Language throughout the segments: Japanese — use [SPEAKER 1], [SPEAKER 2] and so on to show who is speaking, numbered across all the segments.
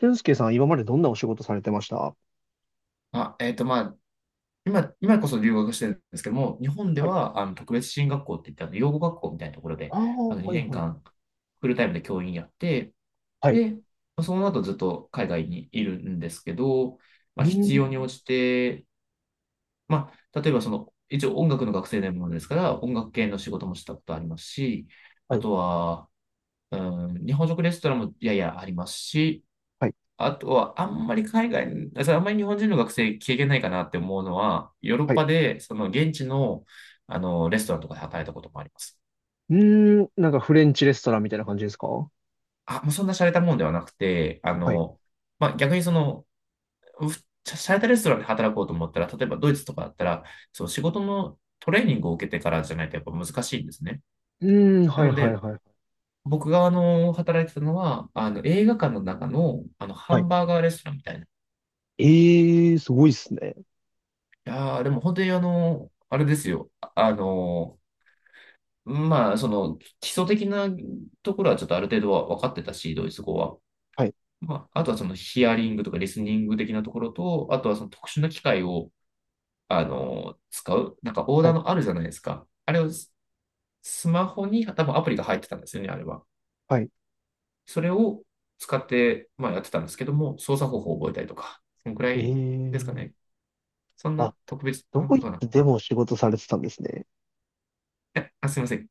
[SPEAKER 1] 俊介さん、今までどんなお仕事されてましたは
[SPEAKER 2] あ、えっと、まあ、今こそ留学してるんですけども、日本で
[SPEAKER 1] い。
[SPEAKER 2] は、特別支援学校って言って、養護学校みたいなところで、
[SPEAKER 1] ああ、はい
[SPEAKER 2] 2
[SPEAKER 1] は
[SPEAKER 2] 年
[SPEAKER 1] い。
[SPEAKER 2] 間、フルタイムで教員やって、
[SPEAKER 1] はい。
[SPEAKER 2] で、その後ずっと海外にいるんですけど、
[SPEAKER 1] う
[SPEAKER 2] まあ、
[SPEAKER 1] ー
[SPEAKER 2] 必
[SPEAKER 1] ん。
[SPEAKER 2] 要に応じて、まあ、例えばその、一応音楽の学生でものですから、音楽系の仕事もしたことありますし、
[SPEAKER 1] は
[SPEAKER 2] あ
[SPEAKER 1] い。
[SPEAKER 2] とは、う日本食レストランもややありますし、
[SPEAKER 1] はい、
[SPEAKER 2] あとは、あんまり海外、それあんまり日本人の学生経験ないかなって思うのは、ヨーロッ
[SPEAKER 1] はい。
[SPEAKER 2] パで、その現地の、レストランとかで働いたこともあります。
[SPEAKER 1] うーん、なんかフレンチレストランみたいな感じですか？
[SPEAKER 2] あ、もうそんな洒落たもんではなくて、
[SPEAKER 1] はい。
[SPEAKER 2] まあ、逆にその、う洒落たレストランで働こうと思ったら、例えばドイツとかだったら、そう、仕事のトレーニングを受けてからじゃないとやっぱ難しいんですね。
[SPEAKER 1] うーん、
[SPEAKER 2] な
[SPEAKER 1] はい、
[SPEAKER 2] の
[SPEAKER 1] はい、
[SPEAKER 2] で、
[SPEAKER 1] はい。
[SPEAKER 2] 僕が働いてたのは、映画館の中の、ハ
[SPEAKER 1] はい。
[SPEAKER 2] ンバーガーレストランみたいな。い
[SPEAKER 1] ええー、すごいっすね。
[SPEAKER 2] やー、でも本当にあれですよ。まあ、その基礎的なところはちょっとある程度は分かってたし、ドイツ語は。
[SPEAKER 1] はい、
[SPEAKER 2] まあ、あとはそのヒアリングとかリスニング的なところと、あとはその特殊な機械を、使う。なんかオー
[SPEAKER 1] は
[SPEAKER 2] ダー
[SPEAKER 1] い、
[SPEAKER 2] のあるじゃないですか。あれをスマホに多分アプリが入ってたんですよね、あれは。
[SPEAKER 1] はい。
[SPEAKER 2] それを使って、まあやってたんですけども、操作方法を覚えたりとか、そのくら
[SPEAKER 1] ええ
[SPEAKER 2] いですかね。
[SPEAKER 1] ー。
[SPEAKER 2] そん
[SPEAKER 1] あ、
[SPEAKER 2] な特別
[SPEAKER 1] ド
[SPEAKER 2] なこ
[SPEAKER 1] イ
[SPEAKER 2] とはなか
[SPEAKER 1] ツ
[SPEAKER 2] っ
[SPEAKER 1] でも仕事されてたんですね。
[SPEAKER 2] た。あ、すいません。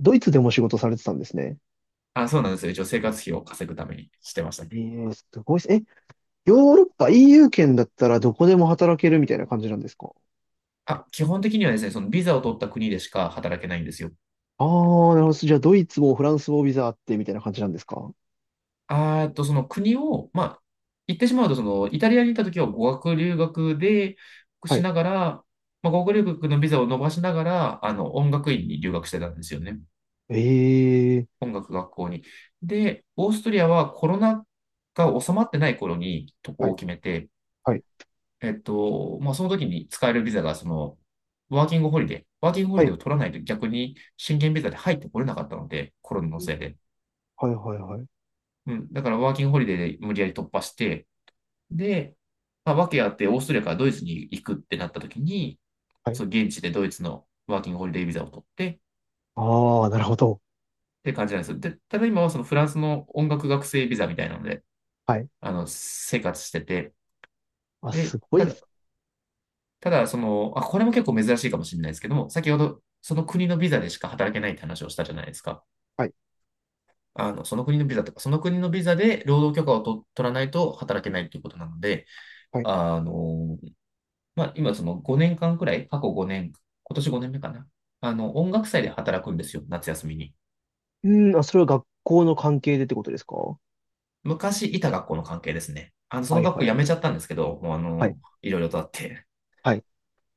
[SPEAKER 1] ドイツでも仕事されてたんですね。
[SPEAKER 2] あ、そうなんですよ。一応生活費を稼ぐためにしてました
[SPEAKER 1] え
[SPEAKER 2] ね。
[SPEAKER 1] えー、すごいっす。え、ヨーロッパ EU 圏だったらどこでも働けるみたいな感じなんですか？
[SPEAKER 2] あ、基本的にはですね、そのビザを取った国でしか働けないんですよ。
[SPEAKER 1] ああー、なるほど。じゃあ、ドイツもフランスもビザあってみたいな感じなんですか？
[SPEAKER 2] あーっと、その国を、まあ、言ってしまうと、その、イタリアに行った時は語学留学で、
[SPEAKER 1] は
[SPEAKER 2] し
[SPEAKER 1] い。
[SPEAKER 2] ながら、まあ、語学留学のビザを伸ばしながら、音楽院に留学してたんですよね。
[SPEAKER 1] ええ
[SPEAKER 2] 音楽学校に。で、オーストリアはコロナが収まってない頃に渡
[SPEAKER 1] は
[SPEAKER 2] 航を
[SPEAKER 1] い、
[SPEAKER 2] 決めて、
[SPEAKER 1] はい、
[SPEAKER 2] まあ、その時に使えるビザが、その、ワーキングホ
[SPEAKER 1] は
[SPEAKER 2] リデ
[SPEAKER 1] い、
[SPEAKER 2] ーを取らないと逆に、宣言ビザで入ってこれなかったので、コロナのせいで。
[SPEAKER 1] はい、はい、はい。
[SPEAKER 2] うん。だからワーキングホリデーで無理やり突破して、で、まあ、訳あってオーストラリアからドイツに行くってなった時に、
[SPEAKER 1] はい。
[SPEAKER 2] その現地でドイツのワーキングホリデービザを取ってっ
[SPEAKER 1] ああ、なるほど。
[SPEAKER 2] て感じなんですよ。で、ただ今はそのフランスの音楽学生ビザみたいなので、
[SPEAKER 1] はい。
[SPEAKER 2] 生活してて、
[SPEAKER 1] あ、
[SPEAKER 2] で、
[SPEAKER 1] すご
[SPEAKER 2] た
[SPEAKER 1] いっ
[SPEAKER 2] だ、
[SPEAKER 1] す。
[SPEAKER 2] ただその、あ、これも結構珍しいかもしれないですけども、先ほどその国のビザでしか働けないって話をしたじゃないですか。
[SPEAKER 1] はい、
[SPEAKER 2] その国のビザとか、その国のビザで労働許可を取らないと働けないということなので、
[SPEAKER 1] はい。
[SPEAKER 2] あの、まあ、今その5年間くらい、過去5年、今年5年目かな。音楽祭で働くんですよ、夏休みに。
[SPEAKER 1] うん、あ、それは学校の関係でってことですか？は
[SPEAKER 2] 昔いた学校の関係ですね。
[SPEAKER 1] い、
[SPEAKER 2] そ
[SPEAKER 1] は
[SPEAKER 2] の
[SPEAKER 1] い、
[SPEAKER 2] 学
[SPEAKER 1] は
[SPEAKER 2] 校
[SPEAKER 1] い、
[SPEAKER 2] 辞めちゃったんですけど、もう
[SPEAKER 1] はい、
[SPEAKER 2] いろいろとあって。
[SPEAKER 1] はい。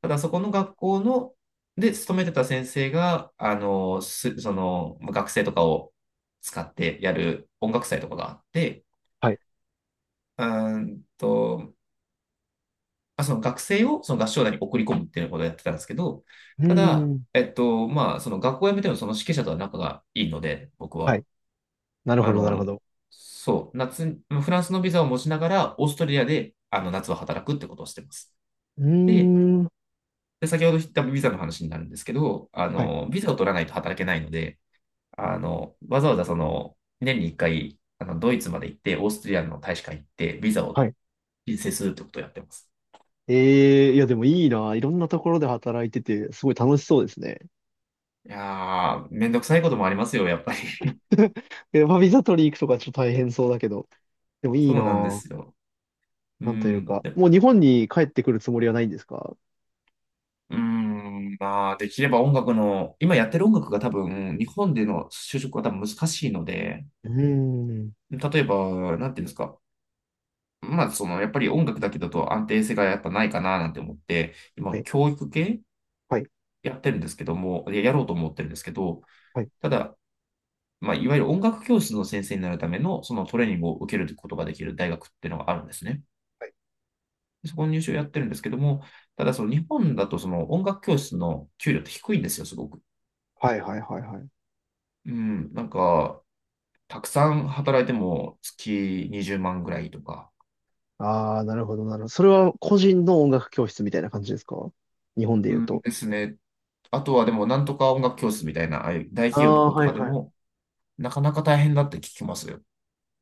[SPEAKER 2] ただそこの学校の、で、勤めてた先生が、その、学生とかを使ってやる音楽祭とかがあって、
[SPEAKER 1] はい
[SPEAKER 2] うんと、あ、その学生をその合唱団に送り込むっていうことをやってたんですけど、
[SPEAKER 1] う
[SPEAKER 2] ただ、
[SPEAKER 1] ん、
[SPEAKER 2] まあ、その学校を辞めてもその指揮者とは仲がいいので、僕
[SPEAKER 1] は
[SPEAKER 2] は。
[SPEAKER 1] い。なる
[SPEAKER 2] あ
[SPEAKER 1] ほど、なる
[SPEAKER 2] の、
[SPEAKER 1] ほど。
[SPEAKER 2] そう、フランスのビザを持ちながら、オーストラリアで、夏は働くってことをしてます。
[SPEAKER 1] うー
[SPEAKER 2] で、
[SPEAKER 1] ん、
[SPEAKER 2] で先ほど言ったビザの話になるんですけど、
[SPEAKER 1] はい、
[SPEAKER 2] ビザを取らないと働けないので、わざわざその、年に1回、ドイツまで行って、オーストラリアの大使館行って、ビザを
[SPEAKER 1] はい。
[SPEAKER 2] 申請するってことをやってます。
[SPEAKER 1] ええいや、でもいいな。いろんなところで働いてて、すごい楽しそうですね。
[SPEAKER 2] いやー、めんどくさいこともありますよ、やっぱり。
[SPEAKER 1] え、まあ、ビザ取り行くとかちょっと大変そうだけど、でもいい
[SPEAKER 2] そ
[SPEAKER 1] な。
[SPEAKER 2] うなんですよ。う
[SPEAKER 1] なんという
[SPEAKER 2] ん。
[SPEAKER 1] か、
[SPEAKER 2] で
[SPEAKER 1] もう日本に帰ってくるつもりはないんですか？
[SPEAKER 2] うん。まあ、できれば音楽の、今やってる音楽が多分、日本での就職は多分難しいので、
[SPEAKER 1] うーん。
[SPEAKER 2] 例えば、なんていうんですか。まあ、その、やっぱり音楽だけだと安定性がやっぱないかななんて思って、
[SPEAKER 1] は
[SPEAKER 2] 今、
[SPEAKER 1] い、
[SPEAKER 2] 教育系
[SPEAKER 1] はい、
[SPEAKER 2] やってるんですけども、やろうと思ってるんですけど、
[SPEAKER 1] はい、
[SPEAKER 2] ただ、まあ、いわゆる音楽教室の先生になるための、そのトレーニングを受けることができる大学っていうのがあるんですね。
[SPEAKER 1] はい、
[SPEAKER 2] そこの入試をやってるんですけども、ただその日本だとその音楽教室の給料って低いんですよ、すごく。
[SPEAKER 1] はい、はい、はい。
[SPEAKER 2] うん、なんか、たくさん働いても月20万ぐらいとか。
[SPEAKER 1] ああ、なるほど、なるほど。それは個人の音楽教室みたいな感じですか？日本で
[SPEAKER 2] う
[SPEAKER 1] 言う
[SPEAKER 2] ん
[SPEAKER 1] と。
[SPEAKER 2] ですね。あとはでも、なんとか音楽教室みたいな、ああいう大企
[SPEAKER 1] あ
[SPEAKER 2] 業のと
[SPEAKER 1] あ、
[SPEAKER 2] こと
[SPEAKER 1] は
[SPEAKER 2] か
[SPEAKER 1] い、
[SPEAKER 2] で
[SPEAKER 1] はい。
[SPEAKER 2] も、なかなか大変だって聞きますよ。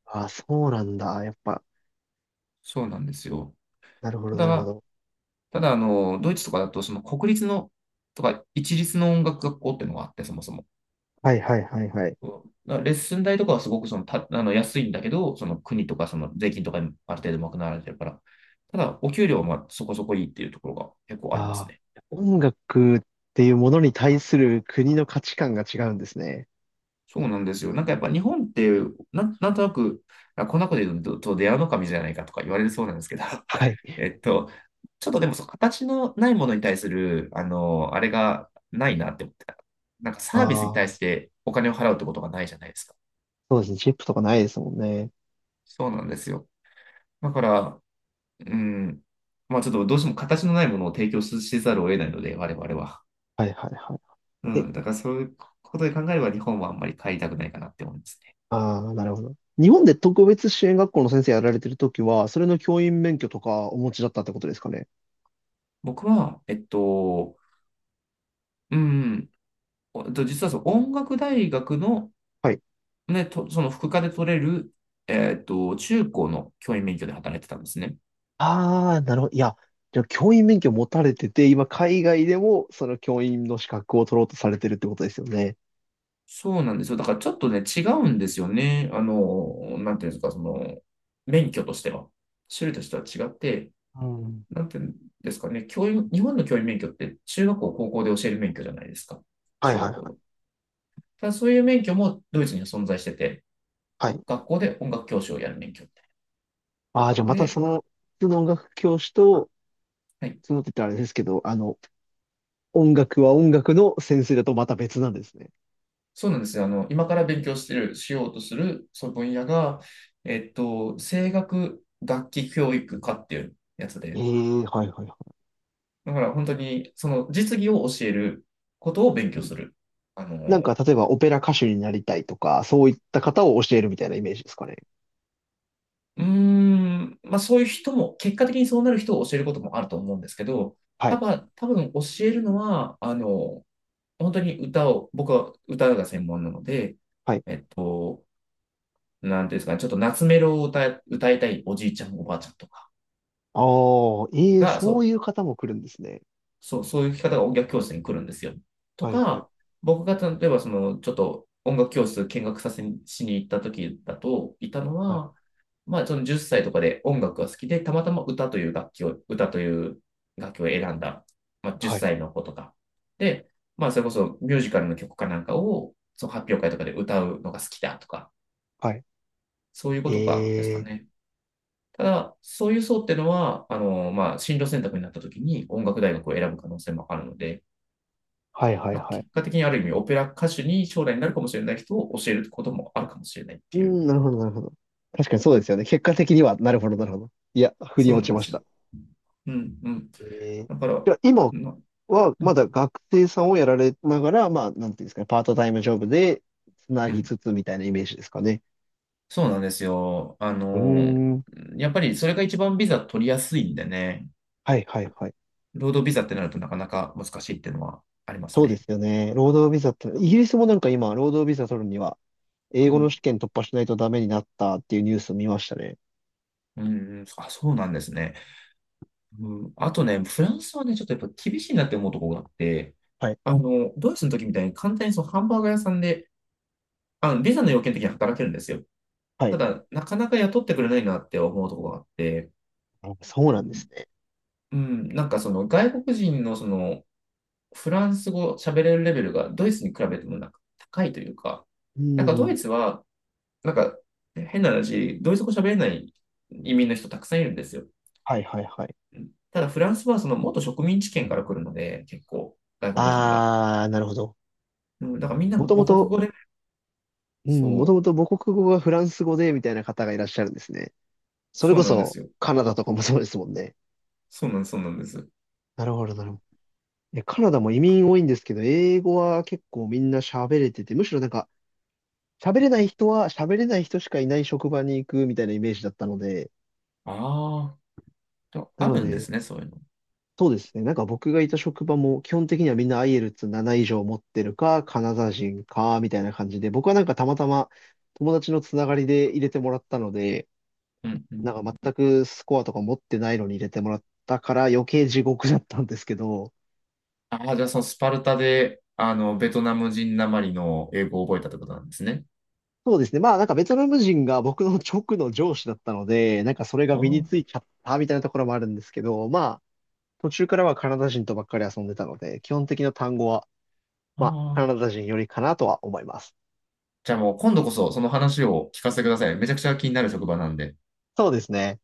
[SPEAKER 1] ああ、そうなんだ。やっぱ、
[SPEAKER 2] そうなんですよ。
[SPEAKER 1] なるほ
[SPEAKER 2] た
[SPEAKER 1] ど、なるほ
[SPEAKER 2] だ、
[SPEAKER 1] ど。
[SPEAKER 2] ただ、ドイツとかだと、その国立の、とか、一律の音楽学校っていうのがあって、そもそも。
[SPEAKER 1] はい、はい、はい、はい。
[SPEAKER 2] そうだからレッスン代とかはすごくそのた、あの安いんだけど、その国とかその税金とかにある程度賄われてるから、ただお給料はまあそこそこいいっていうところが結構あります
[SPEAKER 1] ああ、
[SPEAKER 2] ね。
[SPEAKER 1] 音楽っていうものに対する国の価値観が違うんですね。
[SPEAKER 2] そうなんですよ。なんかやっぱ日本って、なんとなく、あ、こんなこと言うと、と出会うの神じゃないかとか言われるそうなんですけど、
[SPEAKER 1] はい。
[SPEAKER 2] えっと、ちょっとでもそう形のないものに対する、あれがないなって思ってた。なんか
[SPEAKER 1] あ
[SPEAKER 2] サービスに対
[SPEAKER 1] あ、
[SPEAKER 2] してお金を払うってことがないじゃないですか。
[SPEAKER 1] そうですね。チップとかないですもんね。
[SPEAKER 2] そうなんですよ。だから、うん。まあちょっとどうしても形のないものを提供せざるを得ないので、我々は。
[SPEAKER 1] はい、はい、は
[SPEAKER 2] う
[SPEAKER 1] い。
[SPEAKER 2] ん。だからそういうことで考えれば日本はあんまり帰りたくないかなって思いますね。
[SPEAKER 1] ああ、なるほど。日本で特別支援学校の先生やられてるときは、それの教員免許とかお持ちだったってことですかね。
[SPEAKER 2] 僕は、うん。えっと実はその音楽大学の、
[SPEAKER 1] はい。
[SPEAKER 2] その副科で取れる、中高の教員免許で働いてたんですね。
[SPEAKER 1] ああ、なるほど。いや、じゃあ教員免許持たれてて、今海外でもその教員の資格を取ろうとされてるってことですよね。
[SPEAKER 2] そうなんですよ。だからちょっとね、違うんですよね。なんていうんですか、その、免許としては。種類としては違って、
[SPEAKER 1] うん。
[SPEAKER 2] なんていうんですかね、教員、日本の教員免許って中学校、高校で教える免許じゃないですか。
[SPEAKER 1] はい
[SPEAKER 2] 小
[SPEAKER 1] は
[SPEAKER 2] 学
[SPEAKER 1] い
[SPEAKER 2] 校
[SPEAKER 1] はい。
[SPEAKER 2] の。ただそういう免許もドイツには存在してて、
[SPEAKER 1] はい。
[SPEAKER 2] 学校で音楽教師をやる免許みたい
[SPEAKER 1] ああ、じゃあ
[SPEAKER 2] な。
[SPEAKER 1] また
[SPEAKER 2] で、
[SPEAKER 1] その、普通の音楽教師と、
[SPEAKER 2] はい。
[SPEAKER 1] そのって言ったらあれですけど、音楽は音楽の先生だとまた別なんですね。
[SPEAKER 2] そうなんですよ。今から勉強してる、しようとする、その分野が、声楽楽器教育科っていうやつ
[SPEAKER 1] ええ、
[SPEAKER 2] で、
[SPEAKER 1] はいはいはい。
[SPEAKER 2] だから本当に、その実技を教えることを勉強する、あ
[SPEAKER 1] なんか、
[SPEAKER 2] の、
[SPEAKER 1] 例えばオペラ歌手になりたいとか、そういった方を教えるみたいなイメージですかね。
[SPEAKER 2] うーん、まあそういう人も、結果的にそうなる人を教えることもあると思うんですけど、
[SPEAKER 1] はい。
[SPEAKER 2] 多分教えるのは、本当に歌を、僕は歌が専門なので、
[SPEAKER 1] はい。
[SPEAKER 2] えっと、なんていうんですかね、ちょっと夏メロを歌いたいおじいちゃん、おばあちゃんとか
[SPEAKER 1] ああ、ええ、
[SPEAKER 2] が、
[SPEAKER 1] そういう方も来るんですね。
[SPEAKER 2] そういう聞き方が音楽教室に来るんですよ。と
[SPEAKER 1] はい、はい、
[SPEAKER 2] か、僕が例えばその、ちょっと音楽教室見学させにしに行った時だと、いたの
[SPEAKER 1] はい、
[SPEAKER 2] は、まあ、その10歳とかで音楽が好きで、たまたま歌という楽器を選んだ、まあ、10
[SPEAKER 1] はい、
[SPEAKER 2] 歳の子とか。で、まあ、それこそミュージカルの曲かなんかを、その発表会とかで歌うのが好きだとか、
[SPEAKER 1] はい。
[SPEAKER 2] そういうこ
[SPEAKER 1] え
[SPEAKER 2] とかですか
[SPEAKER 1] え、
[SPEAKER 2] ね。ただ、そういう層っていうのは、まあ、進路選択になった時に音楽大学を選ぶ可能性もあるので、
[SPEAKER 1] はい、はい、
[SPEAKER 2] だから
[SPEAKER 1] はい。
[SPEAKER 2] 結果的にある意味オペラ歌手に将来になるかもしれない人を教えることもあるかもしれないっ
[SPEAKER 1] う
[SPEAKER 2] ていう。
[SPEAKER 1] ん、なるほど、なるほど。確かにそうですよね。結果的には、なるほど、なるほど。いや、腑に
[SPEAKER 2] そう
[SPEAKER 1] 落
[SPEAKER 2] なん
[SPEAKER 1] ち
[SPEAKER 2] で
[SPEAKER 1] まし
[SPEAKER 2] すよ。
[SPEAKER 1] た。
[SPEAKER 2] うんうん。
[SPEAKER 1] ええ。
[SPEAKER 2] だから、
[SPEAKER 1] じゃあ、今
[SPEAKER 2] な
[SPEAKER 1] は、
[SPEAKER 2] う
[SPEAKER 1] ま
[SPEAKER 2] ん
[SPEAKER 1] だ学生さんをやられながら、まあ、なんていうんですかね、パートタイムジョブで、つな
[SPEAKER 2] う
[SPEAKER 1] ぎ
[SPEAKER 2] ん
[SPEAKER 1] つつみたいなイメージですかね。
[SPEAKER 2] そうなんですよ。
[SPEAKER 1] うーん。
[SPEAKER 2] やっぱりそれが一番ビザ取りやすいんでね、
[SPEAKER 1] はい、はい、はい。
[SPEAKER 2] 労働ビザってなるとなかなか難しいっていうのはあります
[SPEAKER 1] そうで
[SPEAKER 2] ね。
[SPEAKER 1] すよね。労働ビザって、イギリスもなんか今、労働ビザ取るには、英
[SPEAKER 2] う
[SPEAKER 1] 語の
[SPEAKER 2] ん。
[SPEAKER 1] 試験突破しないとダメになったっていうニュースを見ましたね。
[SPEAKER 2] うん、あ、そうなんですね。うん、あとね、フランスはね、ちょっとやっぱ厳しいなって思うところがあって、
[SPEAKER 1] はい。
[SPEAKER 2] ドイツの時みたいに簡単にそのハンバーガー屋さんで、ビザの要件的に働けるんですよ。
[SPEAKER 1] はい。
[SPEAKER 2] ただ、なかなか雇ってくれないなって思うところがあって、
[SPEAKER 1] あそうな
[SPEAKER 2] う
[SPEAKER 1] んです
[SPEAKER 2] ん、
[SPEAKER 1] ね。
[SPEAKER 2] なんかその外国人のそのフランス語喋れるレベルがドイツに比べてもなんか高いというか、
[SPEAKER 1] う
[SPEAKER 2] なんかドイ
[SPEAKER 1] ん。
[SPEAKER 2] ツは、なんか変な話、ドイツ語喋れない移民の人たくさんいるんですよ。
[SPEAKER 1] はいはいはい。
[SPEAKER 2] うんただフランスはその元植民地圏から来るので、結構外国人が。
[SPEAKER 1] あー、なるほど。
[SPEAKER 2] うん、だからみんな
[SPEAKER 1] もとも
[SPEAKER 2] 母国
[SPEAKER 1] と、
[SPEAKER 2] 語で、
[SPEAKER 1] う
[SPEAKER 2] そ
[SPEAKER 1] ん、もと
[SPEAKER 2] う、
[SPEAKER 1] もと母国語がフランス語でみたいな方がいらっしゃるんですね。それ
[SPEAKER 2] そう
[SPEAKER 1] こ
[SPEAKER 2] なんで
[SPEAKER 1] そ
[SPEAKER 2] すよ。
[SPEAKER 1] カナダとかもそうですもんね。
[SPEAKER 2] そうなんです。
[SPEAKER 1] なるほどなるほど。いやカナダも移民多いんですけど、英語は結構みんな喋れてて、むしろなんか喋れない人は喋れない人しかいない職場に行くみたいなイメージだったので、
[SPEAKER 2] あ
[SPEAKER 1] な
[SPEAKER 2] あ
[SPEAKER 1] の
[SPEAKER 2] るんで
[SPEAKER 1] で、
[SPEAKER 2] すね、そういうの。
[SPEAKER 1] そうですね。なんか僕がいた職場も基本的にはみんな IELTS7 以上持ってるか、カナダ人か、みたいな感じで、僕はなんかたまたま友達のつながりで入れてもらったので、
[SPEAKER 2] うんう
[SPEAKER 1] な
[SPEAKER 2] ん
[SPEAKER 1] んか全くスコアとか持ってないのに入れてもらったから余計地獄だったんですけど、
[SPEAKER 2] ああ、じゃあそのスパルタで、ベトナム人なまりの英語を覚えたってことなんですね。
[SPEAKER 1] そうですね。まあなんかベトナム人が僕の直の上司だったので、なんかそれが
[SPEAKER 2] あ
[SPEAKER 1] 身に
[SPEAKER 2] あ、
[SPEAKER 1] ついちゃったみたいなところもあるんですけど、まあ途中からはカナダ人とばっかり遊んでたので、基本的な単語は、
[SPEAKER 2] あ
[SPEAKER 1] まあカナ
[SPEAKER 2] あ。
[SPEAKER 1] ダ人よりかなとは思います。
[SPEAKER 2] じゃあもう今度こそその話を聞かせてくださいね。めちゃくちゃ気になる職場なんで。
[SPEAKER 1] そうですね。